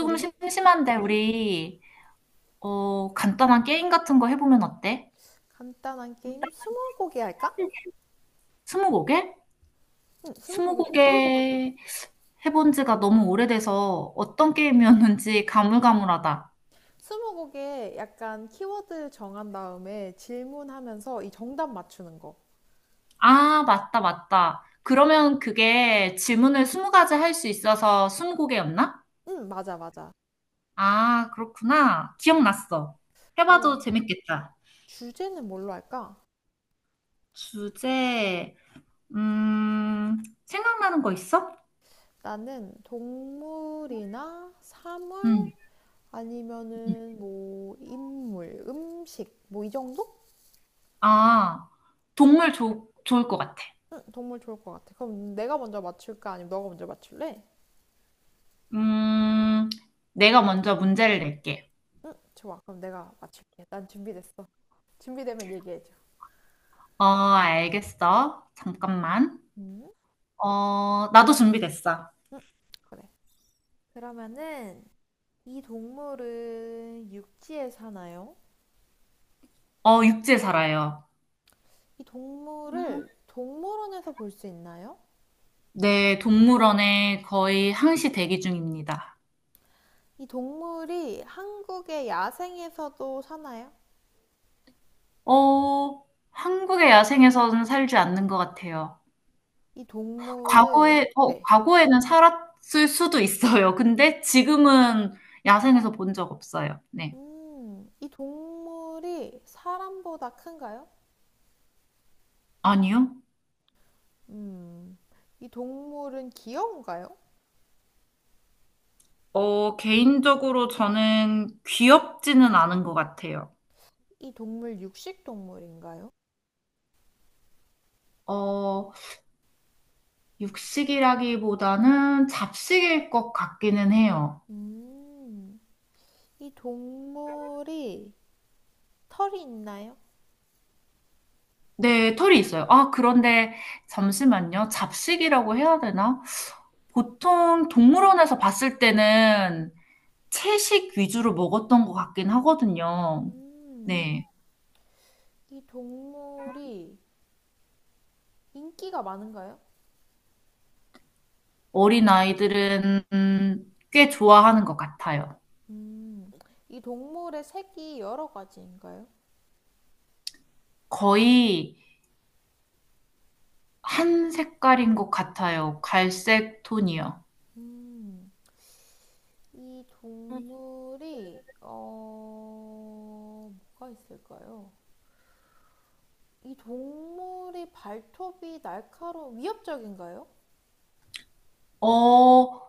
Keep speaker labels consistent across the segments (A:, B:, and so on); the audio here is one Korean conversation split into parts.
A: 우리 심
B: 심심한데 우리 간단한 게임 같은 거 해보면 어때?
A: 간단한 게임 스무고개 할까?
B: 스무고개?
A: 응, 스무고개 좋을 것 같아.
B: 스무고개 해본 지가 너무 오래돼서 어떤 게임이었는지 가물가물하다.
A: 스무고개 약간 키워드 정한 다음에 질문하면서 이 정답 맞추는 거.
B: 아, 맞다, 맞다. 그러면 그게 질문을 스무 가지 할 수 있어서 스무고개였나?
A: 응, 맞아, 맞아.
B: 아, 그렇구나. 기억났어.
A: 그러면
B: 해봐도 재밌겠다.
A: 주제는 뭘로 할까?
B: 주제, 음, 생각나는 거 있어?
A: 나는 동물이나
B: 응.
A: 사물 아니면은 뭐 인물, 음식 뭐 이 정도?
B: 아, 동물 좋 좋을 것 같아.
A: 응, 동물 좋을 것 같아. 그럼 내가 먼저 맞출까? 아니면 너가 먼저 맞출래?
B: 음, 내가 먼저 문제를 낼게.
A: 응, 좋아. 그럼 내가 맞출게. 난 준비됐어. 준비되면 얘기해줘.
B: 어, 알겠어. 잠깐만.
A: 음?
B: 어, 나도 준비됐어.
A: 음, 그래. 그러면은 이 동물은 육지에 사나요?
B: 육지에 살아요.
A: 이 동물을 동물원에서 볼 수 있나요?
B: 네, 동물원에 거의 항시 대기 중입니다.
A: 이 동물이 한국의 야생에서도 사나요?
B: 어, 한국의 야생에서는 살지 않는 것 같아요.
A: 이 동물은 네.
B: 과거에는 살았을 수도 있어요. 근데 지금은 야생에서 본 적 없어요. 네.
A: 이 동물이 사람보다 큰가요?
B: 아니요.
A: 음, 이 동물은 귀여운가요?
B: 개인적으로 저는 귀엽지는 않은 것 같아요.
A: 이 동물 육식 동물인가요?
B: 어, 육식이라기보다는 잡식일 것 같기는 해요.
A: 음, 이 동물이 털이 있나요?
B: 네, 털이 있어요. 아, 그런데 잠시만요. 잡식이라고 해야 되나? 보통 동물원에서 봤을 때는 채식 위주로 먹었던 것 같긴 하거든요.
A: 음.
B: 네.
A: 이 동물이 인기가 많은가요?
B: 어린 아이들은 꽤 좋아하는 것 같아요.
A: 음, 이 동물의 색이 여러 가지인가요?
B: 거의 한 색깔인 것 같아요. 갈색 톤이요.
A: 음, 이 동물이, 어, 뭐가 있을까요? 이 동물이 발톱이 날카로운, 위협적인가요?
B: 어,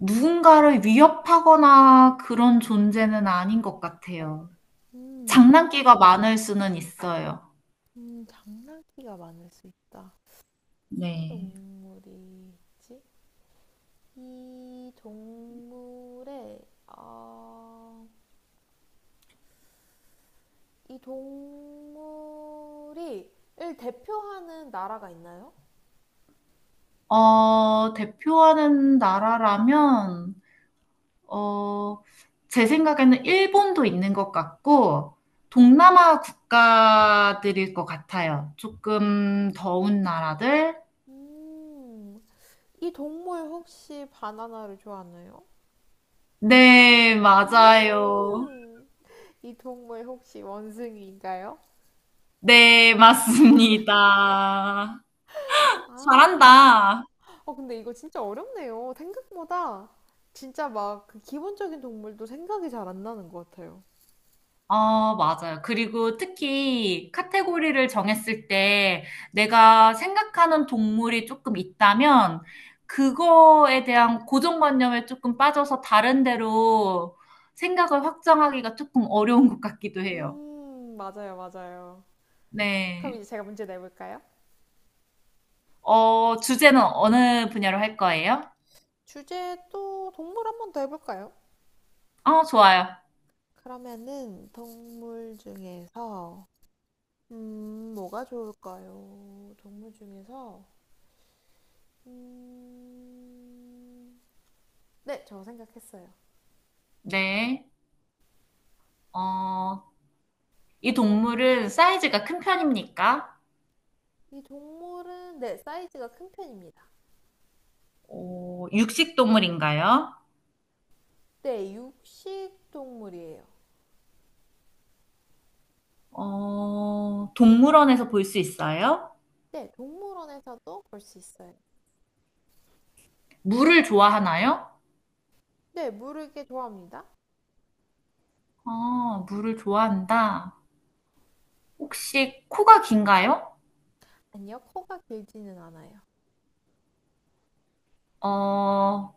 B: 누군가를 위협하거나 그런 존재는 아닌 것 같아요.
A: 음,
B: 장난기가 많을 수는 있어요.
A: 장난기가 많을 수 있다. 무슨
B: 네.
A: 동물이지? 이 동물의, 어... 이 동물이 을 대표하는 나라가 있나요?
B: 대표하는 나라라면, 어, 제 생각에는 일본도 있는 것 같고, 동남아 국가들일 것 같아요. 조금 더운 나라들?
A: 음, 이 동물 혹시 바나나를 좋아하나요?
B: 네, 맞아요.
A: 음, 이 동물 혹시 원숭이인가요?
B: 네, 맞습니다.
A: 아,
B: 잘한다.
A: 어, 근데 이거 진짜 어렵네요. 생각보다 진짜 막 그 기본적인 동물도 생각이 잘 안 나는 것 같아요.
B: 어, 맞아요. 그리고 특히 카테고리를 정했을 때 내가 생각하는 동물이 조금 있다면 그거에 대한 고정관념에 조금 빠져서 다른 데로 생각을 확장하기가 조금 어려운 것 같기도 해요.
A: 맞아요, 맞아요. 그럼
B: 네.
A: 이제 제가 문제 내볼까요?
B: 주제는 어느 분야로 할 거예요?
A: 주제 또 동물 한번 더 해볼까요?
B: 어, 좋아요.
A: 그러면은 동물 중에서 뭐가 좋을까요? 동물 중에서 음, 네, 저 생각했어요.
B: 네. 어, 이 동물은 사이즈가 큰 편입니까?
A: 이 동물은 네, 사이즈가 큰 편입니다.
B: 육식 동물인가요?
A: 네, 육식 동물이에요.
B: 동물원에서 볼 수 있어요?
A: 네, 동물원에서도 볼 수 있어요.
B: 물을 좋아하나요?
A: 네, 물을 꽤 좋아합니다.
B: 어, 물을 좋아한다. 혹시 코가 긴가요?
A: 아니요, 코가 길지는 않아요.
B: 어,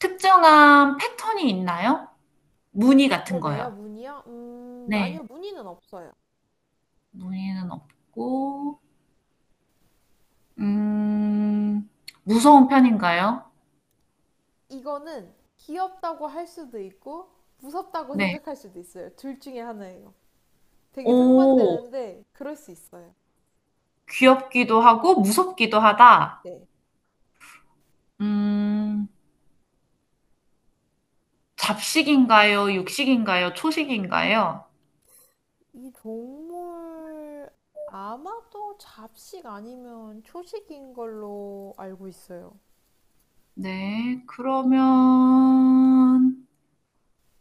B: 특정한 패턴이 있나요? 무늬 같은
A: 몸에요?
B: 거요.
A: 무늬요?
B: 네,
A: 아니요, 무늬는 없어요.
B: 무늬는 없고, 음, 무서운 편인가요?
A: 이거는 귀엽다고 할 수도 있고 무섭다고
B: 네.
A: 생각할 수도 있어요. 둘 중에 하나예요. 되게
B: 오,
A: 상반되는데 그럴 수 있어요.
B: 귀엽기도 하고, 무섭기도 하다.
A: 네.
B: 음, 잡식인가요? 육식인가요? 초식인가요?
A: 이 동물 아마도 잡식 아니면 초식인 걸로 알고 있어요.
B: 네, 그러면,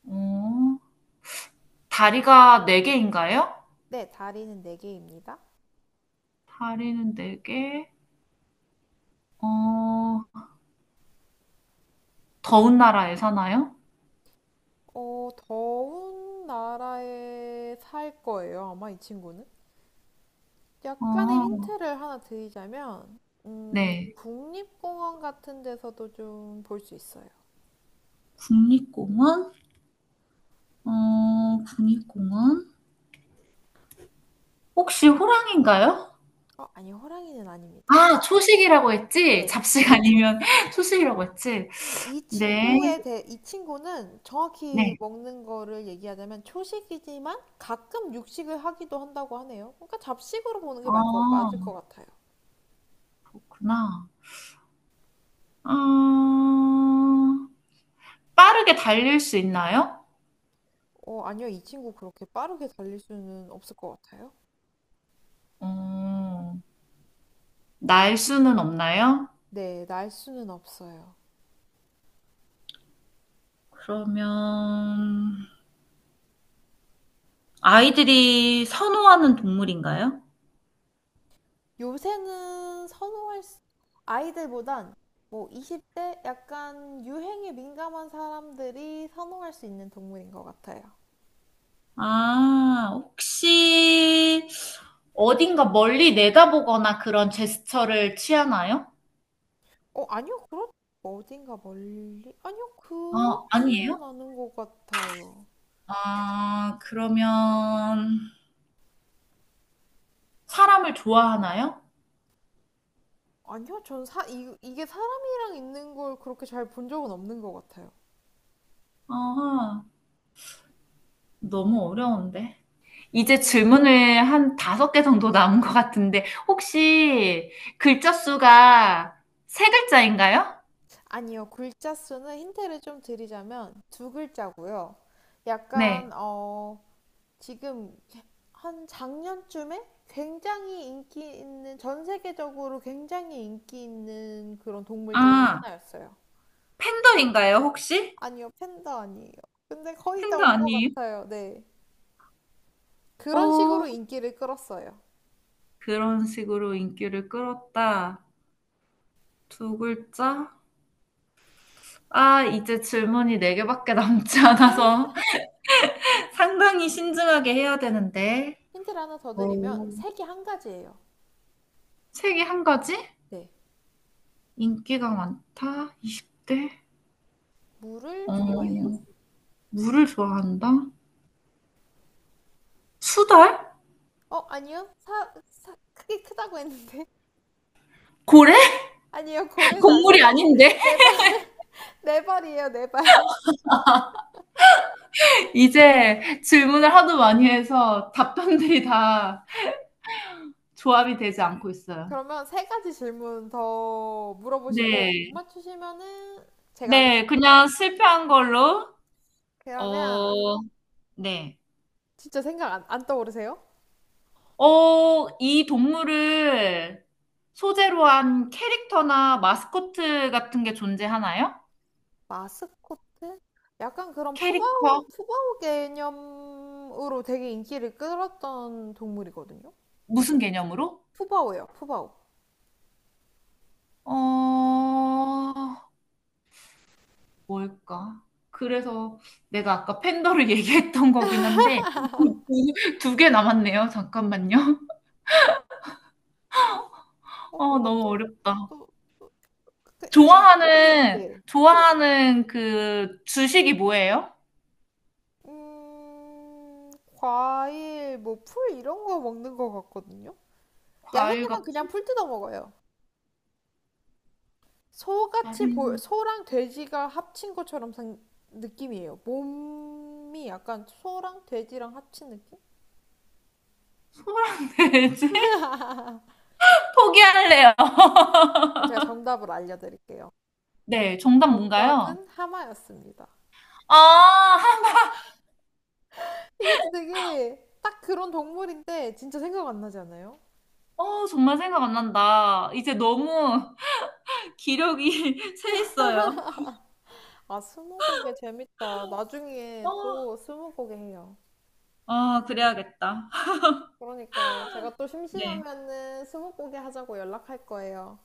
B: 어, 다리가 네개인가요?
A: 네, 다리는 네 개입니다.
B: 다리는 네개. 어, 더운 나라에 사나요?
A: 어, 더운 나라에 살 거예요, 아마 이 친구는. 약간의
B: 어,
A: 힌트를 하나 드리자면,
B: 네.
A: 국립공원 같은 데서도 좀 볼 수 있어요.
B: 국립공원? 어, 국립공원? 혹시 호랑인가요?
A: 어, 아니, 호랑이는 아닙니다.
B: 아, 초식이라고 했지?
A: 네.
B: 잡식 아니면 초식이라고 했지?
A: 이
B: 네,
A: 친구에 대해, 이 친구는 정확히
B: 네.
A: 먹는 거를 얘기하자면 초식이지만 가끔 육식을 하기도 한다고 하네요. 그러니까 잡식으로 보는 게
B: 아,
A: 맞을 것 같아요.
B: 그렇구나. 아, 빠르게 달릴 수 있나요?
A: 어, 아니요. 이 친구 그렇게 빠르게 달릴 수는 없을 것 같아요.
B: 어, 날 수는 없나요?
A: 네, 날 수는 없어요.
B: 그러면 아이들이 선호하는 동물인가요?
A: 요새는 선호할 수, 아이들보단 뭐 20대 약간 유행에 민감한 사람들이 선호할 수 있는 동물인 것 같아요.
B: 아, 혹시 어딘가 멀리 내다보거나 그런 제스처를 취하나요?
A: 어, 아니요, 그렇, 어딘가 멀리? 아니요,
B: 어, 아니에요?
A: 그렇지는 않은 것 같아요.
B: 아, 그러면 사람을 좋아하나요?
A: 아니요, 이게 사람이랑 있는 걸 그렇게 잘 본 적은 없는 것 같아요.
B: 아, 너무 어려운데. 이제
A: 음,
B: 질문을 한 다섯 개 정도 남은 것 같은데, 혹시 글자 수가 세 글자인가요?
A: 아니요, 글자 수는 힌트를 좀 드리자면 두 글자고요. 약간,
B: 네.
A: 어, 지금 한 작년쯤에 굉장히 인기 있는, 전 세계적으로 굉장히 인기 있는 그런 동물 중
B: 아,
A: 하나였어요.
B: 팬더인가요, 혹시?
A: 아니요, 팬더 아니에요. 근데 거의 다
B: 팬더
A: 온 것
B: 아니에요?
A: 같아요. 네. 그런
B: 어,
A: 식으로 인기를 끌었어요.
B: 그런 식으로 인기를 끌었다. 두 글자? 아, 이제 질문이 네 개밖에 남지 않아서 상당히 신중하게 해야 되는데.
A: 힌트를 하나 더 드리면
B: 오,
A: 색이 한 가지예요.
B: 책이 한 가지?
A: 네,
B: 인기가 많다. 20대?
A: 물을
B: 어,
A: 좋아해요.
B: 물을 좋아한다. 수달?
A: 어, 아니요. 사, 사 크게 크다고 했는데.
B: 고래?
A: 아니요, 고래는
B: 곡물이
A: 아니에요.
B: 아닌데?
A: 네 발, 네 발이에요, 네 발.
B: 이제 질문을 하도 많이 해서 답변들이 다 조합이 되지 않고 있어요.
A: 그러면 세 가지 질문 더 물어보시고 못
B: 네.
A: 맞추시면은 제가
B: 네,
A: 하겠습니다.
B: 그냥 실패한 걸로.
A: 그러면
B: 어, 네.
A: 진짜 생각 안, 안 떠오르세요?
B: 이 동물을 소재로 한 캐릭터나 마스코트 같은 게 존재하나요?
A: 마스코트? 약간 그런
B: 캐릭터?
A: 푸바오 개념으로 되게 인기를 끌었던 동물이거든요.
B: 무슨 개념으로?
A: 푸바오예요, 푸바오.
B: 어, 뭘까? 그래서 내가 아까 팬더를 얘기했던 거긴 한데, 두 개 남았네요. 잠깐만요.
A: 어,
B: 어,
A: 뭔가
B: 너무
A: 또,
B: 어렵다.
A: 또, 또 그- 근데, 이,
B: 좋아하는,
A: 네.
B: 좋아하는 그 주식이 뭐예요?
A: 음, 과일, 뭐, 풀 이런 거 먹는 거 같거든요? 야생에선
B: 과일과
A: 그냥 풀 뜯어 먹어요.
B: 아,
A: 소랑 돼지가 합친 것처럼 생, 느낌이에요. 몸이 약간 소랑 돼지랑 합친 느낌?
B: 소랑 돼지? 포기할래요.
A: 제가 정답을 알려드릴게요.
B: 네, 정답 뭔가요?
A: 정답은 하마였습니다.
B: 아, 하-
A: 이것도 되게 딱 그런 동물인데 진짜 생각 안 나지 않아요?
B: 어, 정말 생각 안 난다. 이제 너무 기력이 새했어요.
A: 아, 스무고개 재밌다. 나중에
B: 어,
A: 또 스무고개 해요.
B: 아, 그래야겠다.
A: 그러니까요. 제가 또
B: 네.
A: 심심하면은 스무고개 하자고 연락할 거예요.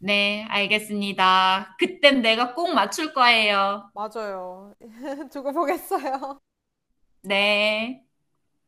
B: 네, 알겠습니다. 그땐 내가 꼭 맞출 거예요.
A: 맞아요. 두고 보겠어요.
B: 네.